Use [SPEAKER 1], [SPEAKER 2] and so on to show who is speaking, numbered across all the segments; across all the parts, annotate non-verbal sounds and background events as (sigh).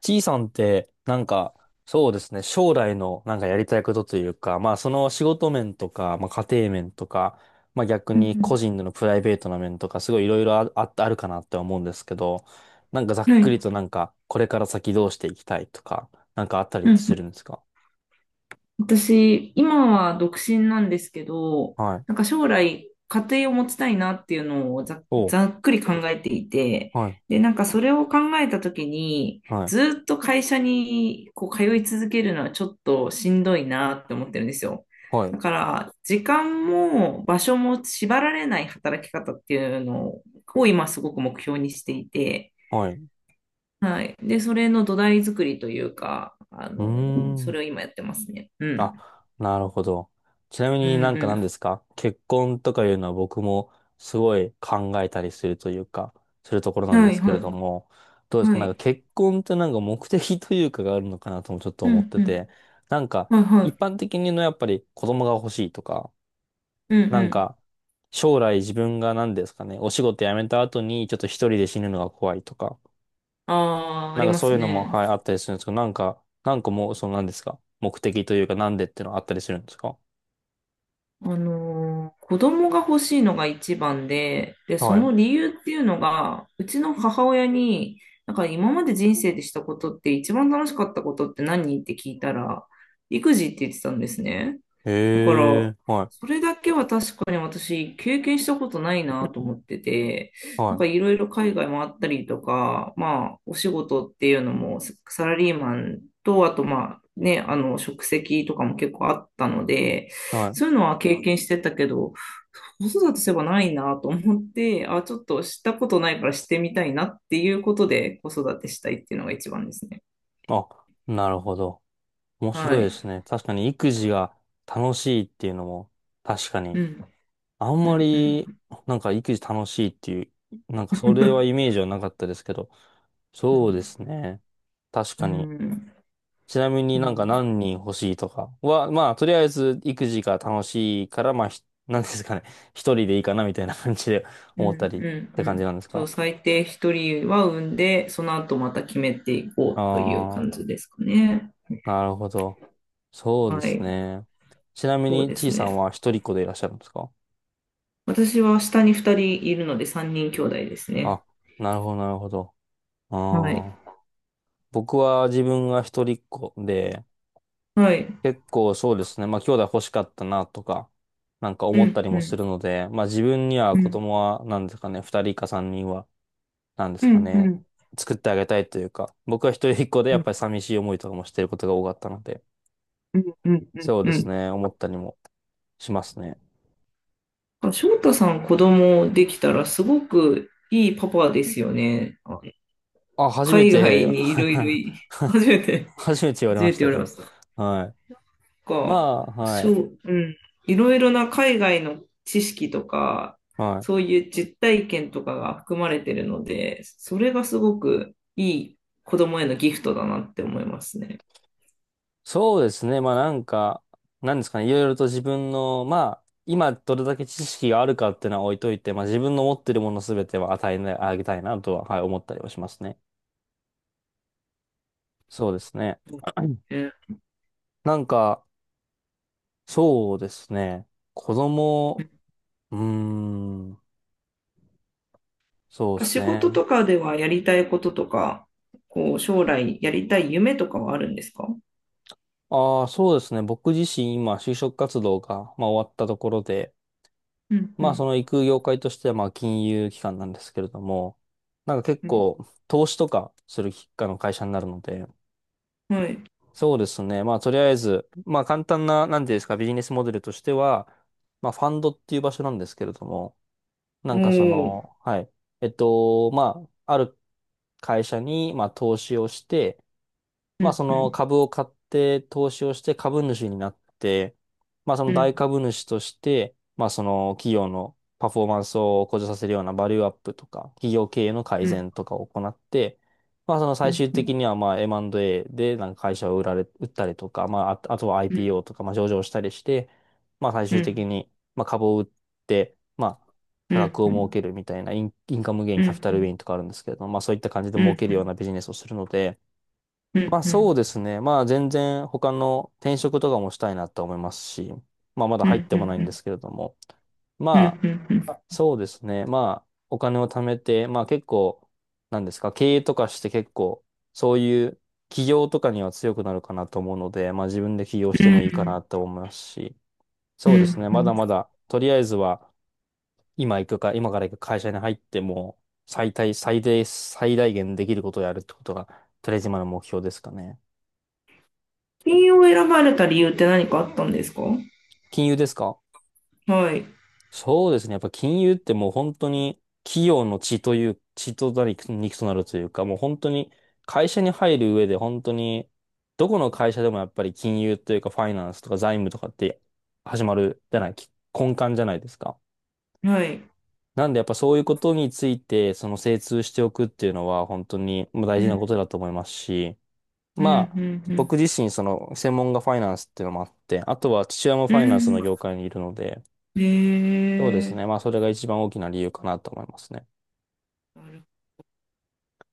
[SPEAKER 1] T さんって、なんか、そうですね、将来のなんかやりたいことというか、まあその仕事面とか、まあ家庭面とか、まあ逆
[SPEAKER 2] うん
[SPEAKER 1] に個
[SPEAKER 2] う
[SPEAKER 1] 人でのプライベートな面とか、すごいいろいろあるかなって思うんですけど、なんかざ
[SPEAKER 2] ん、
[SPEAKER 1] っ
[SPEAKER 2] はい。う
[SPEAKER 1] くりと
[SPEAKER 2] ん
[SPEAKER 1] なんか、これから先どうしていきたいとか、なんかあったりっ
[SPEAKER 2] う
[SPEAKER 1] てする
[SPEAKER 2] ん。
[SPEAKER 1] んですか？
[SPEAKER 2] 私、今は独身なんですけど、
[SPEAKER 1] はい。
[SPEAKER 2] なんか将来、家庭を持ちたいなっていうのをざ、
[SPEAKER 1] お、
[SPEAKER 2] ざっくり考えていて、
[SPEAKER 1] はい。
[SPEAKER 2] で、なんかそれを考えたときに、
[SPEAKER 1] はい。
[SPEAKER 2] ずっと会社にこう通い続けるのはちょっとしんどいなって思ってるんですよ。
[SPEAKER 1] はい。
[SPEAKER 2] だから、時間も場所も縛られない働き方っていうのを今すごく目標にしていて、
[SPEAKER 1] はい。う
[SPEAKER 2] はい。で、それの土台作りというか、あ
[SPEAKER 1] ー
[SPEAKER 2] の、そ
[SPEAKER 1] ん。
[SPEAKER 2] れを今やってますね。うん。
[SPEAKER 1] あ、なるほど。ちなみ
[SPEAKER 2] う
[SPEAKER 1] になんか何
[SPEAKER 2] ん
[SPEAKER 1] ですか、結婚とかいうのは僕もすごい考えたりするというか、するところな
[SPEAKER 2] う
[SPEAKER 1] ん
[SPEAKER 2] ん。
[SPEAKER 1] で
[SPEAKER 2] はい
[SPEAKER 1] すけれど
[SPEAKER 2] は
[SPEAKER 1] も、どうで
[SPEAKER 2] い。
[SPEAKER 1] すか、
[SPEAKER 2] は
[SPEAKER 1] なんか
[SPEAKER 2] い。
[SPEAKER 1] 結婚ってなんか目的というかがあるのかなともちょっと
[SPEAKER 2] う
[SPEAKER 1] 思っ
[SPEAKER 2] ん
[SPEAKER 1] て
[SPEAKER 2] うん。
[SPEAKER 1] て、なんか
[SPEAKER 2] はいは
[SPEAKER 1] 一
[SPEAKER 2] い。
[SPEAKER 1] 般的にのやっぱり子供が欲しいとか、
[SPEAKER 2] うん
[SPEAKER 1] な
[SPEAKER 2] う
[SPEAKER 1] ん
[SPEAKER 2] ん。
[SPEAKER 1] か将来自分が何ですかね、お仕事辞めた後にちょっと一人で死ぬのが怖いとか、
[SPEAKER 2] ああ、あ
[SPEAKER 1] なん
[SPEAKER 2] り
[SPEAKER 1] か
[SPEAKER 2] ま
[SPEAKER 1] そうい
[SPEAKER 2] す
[SPEAKER 1] うのも、
[SPEAKER 2] ね。
[SPEAKER 1] はい、あったりするんですけど、なんかもうその何ですか、目的というかなんでっていうのはあったりするんですか？
[SPEAKER 2] 子供が欲しいのが一番で、で、そ
[SPEAKER 1] はい。
[SPEAKER 2] の理由っていうのが、うちの母親に、なんか今まで人生でしたことって一番楽しかったことって何って聞いたら、育児って言ってたんですね。
[SPEAKER 1] へ
[SPEAKER 2] だから、
[SPEAKER 1] え、は
[SPEAKER 2] それだけは確かに私経験したことないなと思ってて、
[SPEAKER 1] い、
[SPEAKER 2] なん
[SPEAKER 1] は
[SPEAKER 2] かいろいろ海外もあったりとか、まあ、お仕事っていうのもサラリーマンと、あとまあ、ね、あの、職責とかも結構あったので、
[SPEAKER 1] い、は
[SPEAKER 2] そうい
[SPEAKER 1] い。
[SPEAKER 2] うのは経験してたけど、子育てすればないなと思って、あ、ちょっとしたことないからしてみたいなっていうことで子育てしたいっていうのが一番ですね。
[SPEAKER 1] あ、なるほど。面
[SPEAKER 2] は
[SPEAKER 1] 白いで
[SPEAKER 2] い。
[SPEAKER 1] すね。確かに育児が楽しいっていうのも、確か
[SPEAKER 2] う
[SPEAKER 1] に、
[SPEAKER 2] ん、
[SPEAKER 1] あん
[SPEAKER 2] う
[SPEAKER 1] ま
[SPEAKER 2] ん、う
[SPEAKER 1] り、
[SPEAKER 2] ん。
[SPEAKER 1] なんか育児楽しいっていう、なんかそれはイメ
[SPEAKER 2] (laughs)
[SPEAKER 1] ージはなかったですけど、
[SPEAKER 2] う
[SPEAKER 1] そうで
[SPEAKER 2] ん、
[SPEAKER 1] すね。確
[SPEAKER 2] う
[SPEAKER 1] かに。
[SPEAKER 2] ん、
[SPEAKER 1] ちなみ
[SPEAKER 2] う
[SPEAKER 1] になんか
[SPEAKER 2] ん。
[SPEAKER 1] 何人欲しいとかは、まあ、とりあえず育児が楽しいから、まあ、(laughs) なんですかね。(laughs) 一人でいいかなみたいな感じで
[SPEAKER 2] うん
[SPEAKER 1] 思ったり
[SPEAKER 2] う
[SPEAKER 1] って
[SPEAKER 2] んう
[SPEAKER 1] 感じ
[SPEAKER 2] ん。
[SPEAKER 1] なんです
[SPEAKER 2] そう、
[SPEAKER 1] か？
[SPEAKER 2] 最低一人は産んで、その後また決めてい
[SPEAKER 1] あ
[SPEAKER 2] こうという
[SPEAKER 1] あ
[SPEAKER 2] 感
[SPEAKER 1] ー。
[SPEAKER 2] じですかね。
[SPEAKER 1] なるほど。そうで
[SPEAKER 2] は
[SPEAKER 1] す
[SPEAKER 2] い。
[SPEAKER 1] ね。ちなみ
[SPEAKER 2] そう
[SPEAKER 1] に、
[SPEAKER 2] で
[SPEAKER 1] ちい
[SPEAKER 2] す
[SPEAKER 1] さ
[SPEAKER 2] ね。
[SPEAKER 1] んは一人っ子でいらっしゃるんですか？
[SPEAKER 2] 私は下に二人いるので三人兄弟ですね。
[SPEAKER 1] あ、なるほど、なるほど。
[SPEAKER 2] はい。
[SPEAKER 1] ああ。僕は自分が一人っ子で、
[SPEAKER 2] はい。
[SPEAKER 1] 結構そうですね。まあ、兄弟欲しかったなとか、なんか
[SPEAKER 2] う
[SPEAKER 1] 思った
[SPEAKER 2] ん、
[SPEAKER 1] り
[SPEAKER 2] う
[SPEAKER 1] もす
[SPEAKER 2] ん、
[SPEAKER 1] るので、まあ、自分には
[SPEAKER 2] う
[SPEAKER 1] 子
[SPEAKER 2] ん、
[SPEAKER 1] 供は、なんですかね、二人か三人は、なんで
[SPEAKER 2] う
[SPEAKER 1] すか
[SPEAKER 2] ん、うん、う
[SPEAKER 1] ね、
[SPEAKER 2] ん、
[SPEAKER 1] 作ってあげたいというか、僕は一人っ子でやっぱり
[SPEAKER 2] う
[SPEAKER 1] 寂しい思いとかもしてることが多かったので、
[SPEAKER 2] ん、うん、
[SPEAKER 1] そう
[SPEAKER 2] う
[SPEAKER 1] です
[SPEAKER 2] ん。
[SPEAKER 1] ね、思ったりもしますね。
[SPEAKER 2] あ、翔太さん子供できたらすごくいいパパですよね。あ、
[SPEAKER 1] あ、初め
[SPEAKER 2] 海外
[SPEAKER 1] て
[SPEAKER 2] にいろいろい、初めて、
[SPEAKER 1] (laughs) 初めて言われ
[SPEAKER 2] 初
[SPEAKER 1] ま
[SPEAKER 2] め
[SPEAKER 1] し
[SPEAKER 2] て言
[SPEAKER 1] た
[SPEAKER 2] わ
[SPEAKER 1] け
[SPEAKER 2] れま
[SPEAKER 1] ど。
[SPEAKER 2] した。
[SPEAKER 1] はい。ま
[SPEAKER 2] か、
[SPEAKER 1] あ、は
[SPEAKER 2] そ
[SPEAKER 1] い。
[SPEAKER 2] ううん。いろいろな海外の知識とか、
[SPEAKER 1] はい。
[SPEAKER 2] そういう実体験とかが含まれてるので、それがすごくいい子供へのギフトだなって思いますね。
[SPEAKER 1] そうですね。まあなんか、なんですかね。いろいろと自分の、まあ、今どれだけ知識があるかっていうのは置いといて、まあ自分の持ってるものすべては与えなあげたいなとは、はい、思ったりはしますね。そうですね。(clears throat)
[SPEAKER 2] ね、
[SPEAKER 1] なんか、そうですね。子供、うーん、そうです
[SPEAKER 2] 仕事
[SPEAKER 1] ね。
[SPEAKER 2] とかではやりたいこととか、こう将来やりたい夢とかはあるんですか？
[SPEAKER 1] ああ、そうですね。僕自身今、就職活動が、まあ、終わったところで、
[SPEAKER 2] うんう
[SPEAKER 1] まあ、そ
[SPEAKER 2] ん
[SPEAKER 1] の行く業界としては、まあ、金融機関なんですけれども、なんか結
[SPEAKER 2] うん、
[SPEAKER 1] 構、投資とかするきあの会社になるので、
[SPEAKER 2] はい。
[SPEAKER 1] そうですね。まあ、とりあえず、まあ、簡単な、なんていうんですか、ビジネスモデルとしては、まあ、ファンドっていう場所なんですけれども、な
[SPEAKER 2] お
[SPEAKER 1] んかそ
[SPEAKER 2] ー。
[SPEAKER 1] の、はい。まあ、ある会社に、まあ、投資をして、
[SPEAKER 2] う
[SPEAKER 1] まあそ
[SPEAKER 2] んう
[SPEAKER 1] の
[SPEAKER 2] ん
[SPEAKER 1] 株を買って投資をして株主になって、まあそ
[SPEAKER 2] う
[SPEAKER 1] の大
[SPEAKER 2] ん
[SPEAKER 1] 株主として、まあその企業のパフォーマンスを向上させるようなバリューアップとか、企業経営の
[SPEAKER 2] う
[SPEAKER 1] 改
[SPEAKER 2] ん
[SPEAKER 1] 善とかを行って、まあその
[SPEAKER 2] う
[SPEAKER 1] 最
[SPEAKER 2] ん
[SPEAKER 1] 終
[SPEAKER 2] う
[SPEAKER 1] 的
[SPEAKER 2] ん
[SPEAKER 1] にはまあ M&A でなんか会社を売られ、売ったりとか、まああとは
[SPEAKER 2] うん
[SPEAKER 1] IPO とか、まあ上場したりして、まあ最
[SPEAKER 2] う
[SPEAKER 1] 終的
[SPEAKER 2] ん
[SPEAKER 1] にまあ株を売って、まあ
[SPEAKER 2] う
[SPEAKER 1] 差額
[SPEAKER 2] ん
[SPEAKER 1] を
[SPEAKER 2] う
[SPEAKER 1] 儲け
[SPEAKER 2] ん
[SPEAKER 1] るみたいなインカムゲイン、
[SPEAKER 2] う
[SPEAKER 1] キャピ
[SPEAKER 2] ん
[SPEAKER 1] タ
[SPEAKER 2] う
[SPEAKER 1] ルゲ
[SPEAKER 2] ん
[SPEAKER 1] インとかあるんですけれども、まあそういった感じで
[SPEAKER 2] うんう
[SPEAKER 1] 儲
[SPEAKER 2] ん
[SPEAKER 1] ける
[SPEAKER 2] う
[SPEAKER 1] ような
[SPEAKER 2] ん
[SPEAKER 1] ビジネスをするので、
[SPEAKER 2] うん
[SPEAKER 1] まあ
[SPEAKER 2] う
[SPEAKER 1] そう
[SPEAKER 2] ん
[SPEAKER 1] ですね。まあ全然他の転職とかもしたいなと思いますし、まあまだ
[SPEAKER 2] う
[SPEAKER 1] 入っ
[SPEAKER 2] んう
[SPEAKER 1] ても
[SPEAKER 2] ん
[SPEAKER 1] ない
[SPEAKER 2] う
[SPEAKER 1] んで
[SPEAKER 2] ん
[SPEAKER 1] すけれども。
[SPEAKER 2] うん
[SPEAKER 1] まあ
[SPEAKER 2] うん
[SPEAKER 1] そうですね。まあお金を貯めて、まあ結構、なんですか、経営とかして結構、そういう起業とかには強くなるかなと思うので、まあ自分で起業し
[SPEAKER 2] う
[SPEAKER 1] ても
[SPEAKER 2] ん
[SPEAKER 1] いいかなと思いますし、
[SPEAKER 2] う
[SPEAKER 1] そうです
[SPEAKER 2] ん
[SPEAKER 1] ね。
[SPEAKER 2] う
[SPEAKER 1] まだ
[SPEAKER 2] ん。
[SPEAKER 1] まだ、とりあえずは今から行く会社に入っても、最大限できることをやるってことが、とりあえず今の目標ですかね。
[SPEAKER 2] 金曜を選ばれた理由って何かあったんですか？は
[SPEAKER 1] 金融ですか？
[SPEAKER 2] い
[SPEAKER 1] そうですね。やっぱ金融ってもう本当に企業の血となり肉となるというか、もう本当に会社に入る上で本当に、どこの会社でもやっぱり金融というかファイナンスとか財務とかって始まるじゃない、き根幹じゃないですか。
[SPEAKER 2] はい。
[SPEAKER 1] なんでやっぱそういうことについて、その精通しておくっていうのは本当にまあ大
[SPEAKER 2] う
[SPEAKER 1] 事
[SPEAKER 2] ん
[SPEAKER 1] なことだと思いますし、
[SPEAKER 2] うんう
[SPEAKER 1] まあ、
[SPEAKER 2] ん
[SPEAKER 1] 僕自身その専門がファイナンスっていうのもあって、あとは父親も
[SPEAKER 2] う
[SPEAKER 1] ファイナンス
[SPEAKER 2] ん。
[SPEAKER 1] の
[SPEAKER 2] う
[SPEAKER 1] 業界にいるので、
[SPEAKER 2] ん、
[SPEAKER 1] そうで
[SPEAKER 2] へ
[SPEAKER 1] す
[SPEAKER 2] え。
[SPEAKER 1] ね。まあ、それが一番大きな理由かなと思いますね。
[SPEAKER 2] なる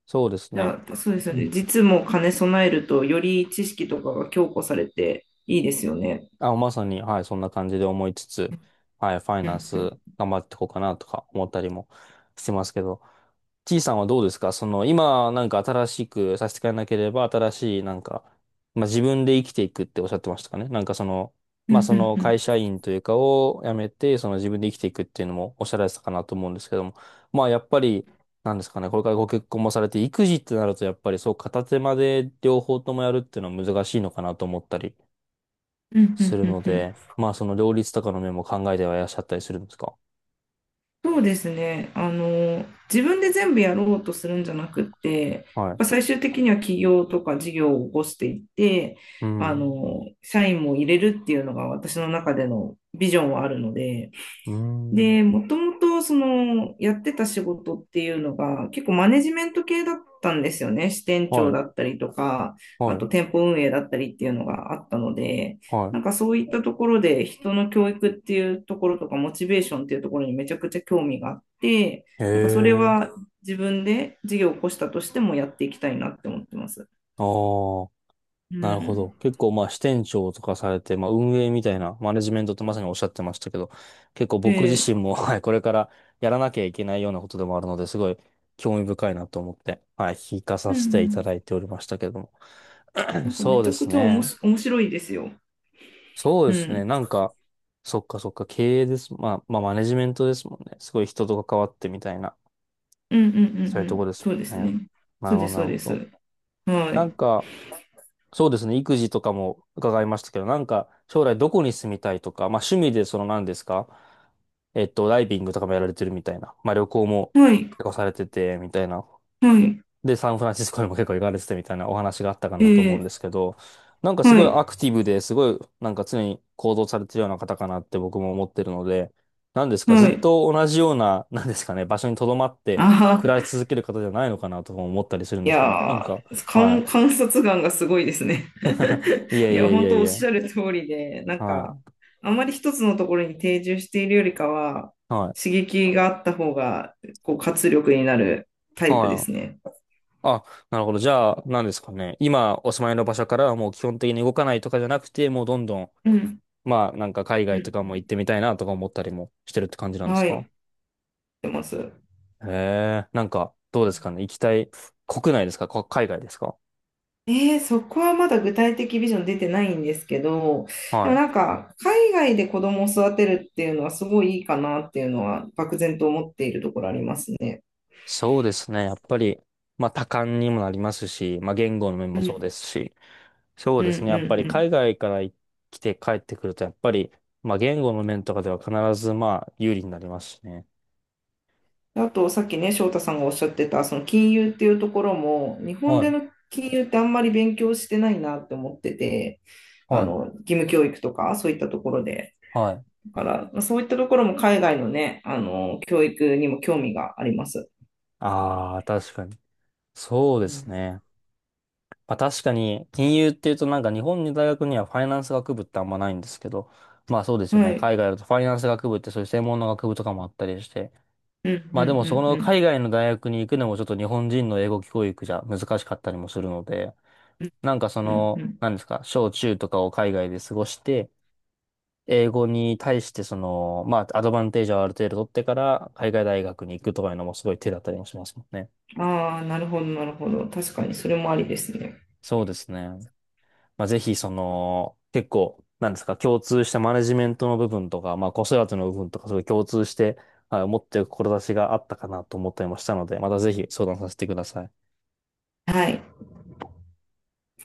[SPEAKER 1] そうです
[SPEAKER 2] じ
[SPEAKER 1] ね。
[SPEAKER 2] ゃあそうですよ
[SPEAKER 1] う
[SPEAKER 2] ね、
[SPEAKER 1] ん。
[SPEAKER 2] 実も金兼ね備えるとより知識とかが強固されていいですよね。
[SPEAKER 1] あ、まさに、はい、そんな感じで思いつつ、はい、ファイナンス頑張っていこうかなとか思ったりもしてますけど、T さんはどうですか、その、今、なんか新しくさせてくれなければ、新しい、なんか、まあ、自分で生きていくっておっしゃってましたかね、なんかその、
[SPEAKER 2] うんう
[SPEAKER 1] まあ、そ
[SPEAKER 2] ん
[SPEAKER 1] の
[SPEAKER 2] う
[SPEAKER 1] 会
[SPEAKER 2] ん
[SPEAKER 1] 社員というかを辞めて、その自分で生きていくっていうのもおっしゃられてたかなと思うんですけども、まあ、やっぱり、なんですかね、これからご結婚もされて、育児ってなると、やっぱりそう、片手間で両方ともやるっていうのは難しいのかなと思ったり、
[SPEAKER 2] うんう
[SPEAKER 1] す
[SPEAKER 2] ん
[SPEAKER 1] る
[SPEAKER 2] うん
[SPEAKER 1] の
[SPEAKER 2] うん。うん
[SPEAKER 1] で、まあその両立とかの面も考えてはいらっしゃったりするんですか？
[SPEAKER 2] そうですね。あの、自分で全部やろうとするんじゃなくって、やっ
[SPEAKER 1] はい。
[SPEAKER 2] ぱ最終的には企業とか事業を起こしていって、
[SPEAKER 1] う
[SPEAKER 2] あ
[SPEAKER 1] ん。
[SPEAKER 2] の、社員も入れるっていうのが私の中でのビジョンはあるので、
[SPEAKER 1] うん。
[SPEAKER 2] で、もともとそのやってた仕事っていうのが結構マネジメント系だったんですよね。支店
[SPEAKER 1] は
[SPEAKER 2] 長だ
[SPEAKER 1] い。
[SPEAKER 2] ったりとか、
[SPEAKER 1] は
[SPEAKER 2] あと
[SPEAKER 1] い。
[SPEAKER 2] 店舗運営だったりっていうのがあったので、
[SPEAKER 1] は
[SPEAKER 2] なんかそういったところで人の教育っていうところとかモチベーションっていうところにめちゃくちゃ興味があって、
[SPEAKER 1] い。へ
[SPEAKER 2] なんかそれは
[SPEAKER 1] え。
[SPEAKER 2] 自分で事業を起こしたとしてもやっていきたいなって思ってます。
[SPEAKER 1] ああ、
[SPEAKER 2] う
[SPEAKER 1] なるほど。
[SPEAKER 2] ん。
[SPEAKER 1] 結構まあ支店長とかされて、まあ運営みたいなマネジメントってまさにおっしゃってましたけど、結構
[SPEAKER 2] え
[SPEAKER 1] 僕自身
[SPEAKER 2] え。
[SPEAKER 1] も、(laughs) はい、これからやらなきゃいけないようなことでもあるので、すごい興味深いなと思って、はい、聞かさ
[SPEAKER 2] うんう
[SPEAKER 1] せていただ
[SPEAKER 2] ん。
[SPEAKER 1] いておりましたけども。
[SPEAKER 2] な
[SPEAKER 1] (clears throat)
[SPEAKER 2] んかめ
[SPEAKER 1] そう
[SPEAKER 2] ち
[SPEAKER 1] で
[SPEAKER 2] ゃ
[SPEAKER 1] す
[SPEAKER 2] くちゃおも
[SPEAKER 1] ね。
[SPEAKER 2] し面白いですよ。
[SPEAKER 1] そうで
[SPEAKER 2] う
[SPEAKER 1] すね。
[SPEAKER 2] ん。
[SPEAKER 1] なんか、そっかそっか、経営です。まあ、まあ、マネジメントですもんね。すごい人と関わってみたいな、
[SPEAKER 2] うんうんう
[SPEAKER 1] そう
[SPEAKER 2] ん
[SPEAKER 1] いう
[SPEAKER 2] う
[SPEAKER 1] とこ
[SPEAKER 2] ん。
[SPEAKER 1] ですも
[SPEAKER 2] そうです
[SPEAKER 1] んね。
[SPEAKER 2] ね。
[SPEAKER 1] な
[SPEAKER 2] そ
[SPEAKER 1] る
[SPEAKER 2] う
[SPEAKER 1] ほ
[SPEAKER 2] で
[SPEAKER 1] ど、
[SPEAKER 2] す、
[SPEAKER 1] な
[SPEAKER 2] そう
[SPEAKER 1] るほ
[SPEAKER 2] です。
[SPEAKER 1] ど。
[SPEAKER 2] は
[SPEAKER 1] な
[SPEAKER 2] い。
[SPEAKER 1] んか、そうですね。育児とかも伺いましたけど、なんか、将来どこに住みたいとか、まあ、趣味でその何ですか、ダイビングとかもやられてるみたいな。まあ、旅行も
[SPEAKER 2] はい。
[SPEAKER 1] 結構されてて、みたいな。
[SPEAKER 2] はい。
[SPEAKER 1] で、サンフランシスコにも結構行かれててみたいなお話があったかなと思うん
[SPEAKER 2] え
[SPEAKER 1] ですけど、なんかす
[SPEAKER 2] は
[SPEAKER 1] ごい
[SPEAKER 2] い。
[SPEAKER 1] アクティブですごいなんか常に行動されてるような方かなって僕も思ってるので、なんですか、ず
[SPEAKER 2] は
[SPEAKER 1] っ
[SPEAKER 2] い。
[SPEAKER 1] と同じような、(laughs) なんですかね、場所に留まって
[SPEAKER 2] あ
[SPEAKER 1] 暮
[SPEAKER 2] あ、
[SPEAKER 1] らし続ける方じゃないのかなとも思ったりするん
[SPEAKER 2] い
[SPEAKER 1] ですけど、なん
[SPEAKER 2] や
[SPEAKER 1] か、
[SPEAKER 2] ー、
[SPEAKER 1] は
[SPEAKER 2] 観察眼がすごいですね。
[SPEAKER 1] い。い
[SPEAKER 2] (laughs) い
[SPEAKER 1] えい
[SPEAKER 2] や、
[SPEAKER 1] えい
[SPEAKER 2] 本
[SPEAKER 1] え
[SPEAKER 2] 当
[SPEAKER 1] い
[SPEAKER 2] おっ
[SPEAKER 1] え、
[SPEAKER 2] しゃる通りで、なん
[SPEAKER 1] は
[SPEAKER 2] か、
[SPEAKER 1] い、
[SPEAKER 2] あまり一つのところに定住しているよりかは、
[SPEAKER 1] はい、
[SPEAKER 2] 刺激があった方が、こう、活力になるタイプで
[SPEAKER 1] は
[SPEAKER 2] す
[SPEAKER 1] い。
[SPEAKER 2] ね。
[SPEAKER 1] あ、なるほど。じゃあ、なんですかね。今、お住まいの場所からはもう基本的に動かないとかじゃなくて、もうどんどん、
[SPEAKER 2] うん。
[SPEAKER 1] まあ、なんか海
[SPEAKER 2] う
[SPEAKER 1] 外とかも行っ
[SPEAKER 2] ん
[SPEAKER 1] てみたいなとか思ったりもしてるって感じな
[SPEAKER 2] う
[SPEAKER 1] ん
[SPEAKER 2] ん。
[SPEAKER 1] です
[SPEAKER 2] はい。やっ
[SPEAKER 1] か？
[SPEAKER 2] てます。う
[SPEAKER 1] へえ、なんか、どうで
[SPEAKER 2] ん。
[SPEAKER 1] すかね。行きたい、国内ですか、海外ですか？
[SPEAKER 2] そこはまだ具体的ビジョン出てないんですけど、で
[SPEAKER 1] は
[SPEAKER 2] も
[SPEAKER 1] い。
[SPEAKER 2] なんか、海外で子供を育てるっていうのはすごいいいかなっていうのは、漠然と思っているところありますね。
[SPEAKER 1] そうですね。やっぱり、まあ、多感にもなりますし、まあ、言語の面
[SPEAKER 2] う
[SPEAKER 1] もそうで
[SPEAKER 2] ん、
[SPEAKER 1] すし、そう
[SPEAKER 2] うん、
[SPEAKER 1] で
[SPEAKER 2] う
[SPEAKER 1] すね。やっぱり、
[SPEAKER 2] ん
[SPEAKER 1] 海外から来て帰ってくると、やっぱり、まあ、言語の面とかでは必ず、まあ、有利になりますしね。
[SPEAKER 2] うん。あと、さっきね、翔太さんがおっしゃってた、その金融っていうところも、日本
[SPEAKER 1] は
[SPEAKER 2] で
[SPEAKER 1] い、
[SPEAKER 2] の金融ってあんまり勉強してないなって思ってて、あ
[SPEAKER 1] はい、
[SPEAKER 2] の、義務教育とか、そういったところで。
[SPEAKER 1] はい。
[SPEAKER 2] だから、まあそういったところも海外のね、あの、教育にも興味があります。
[SPEAKER 1] ああ、確かに。そう
[SPEAKER 2] う
[SPEAKER 1] です
[SPEAKER 2] ん、
[SPEAKER 1] ね。まあ確かに、金融っていうとなんか日本の大学にはファイナンス学部ってあんまないんですけど、まあそうですよ
[SPEAKER 2] は
[SPEAKER 1] ね。
[SPEAKER 2] い。
[SPEAKER 1] 海外だとファイナンス学部ってそういう専門の学部とかもあったりして、
[SPEAKER 2] うんうんう
[SPEAKER 1] まあでもそこ
[SPEAKER 2] ん
[SPEAKER 1] の
[SPEAKER 2] う
[SPEAKER 1] 海
[SPEAKER 2] ん
[SPEAKER 1] 外の大学に行くのもちょっと日本人の英語教育じゃ難しかったりもするので、なんかそ
[SPEAKER 2] うんう
[SPEAKER 1] の、
[SPEAKER 2] ん
[SPEAKER 1] なんですか、小中とかを海外で過ごして、英語に対してその、まあアドバンテージをある程度取ってから海外大学に行くとかいうのもすごい手だったりもしますもんね。
[SPEAKER 2] うん。ああ、なるほど、なるほど。確かにそれもありですね。
[SPEAKER 1] そうですね。まあ、ぜひ、その、結構、なんですか、共通したマネジメントの部分とか、まあ、子育ての部分とか、そういう共通して、はい、持っている志があったかなと思ったりもしたので、またぜひ相談させてください。
[SPEAKER 2] はい。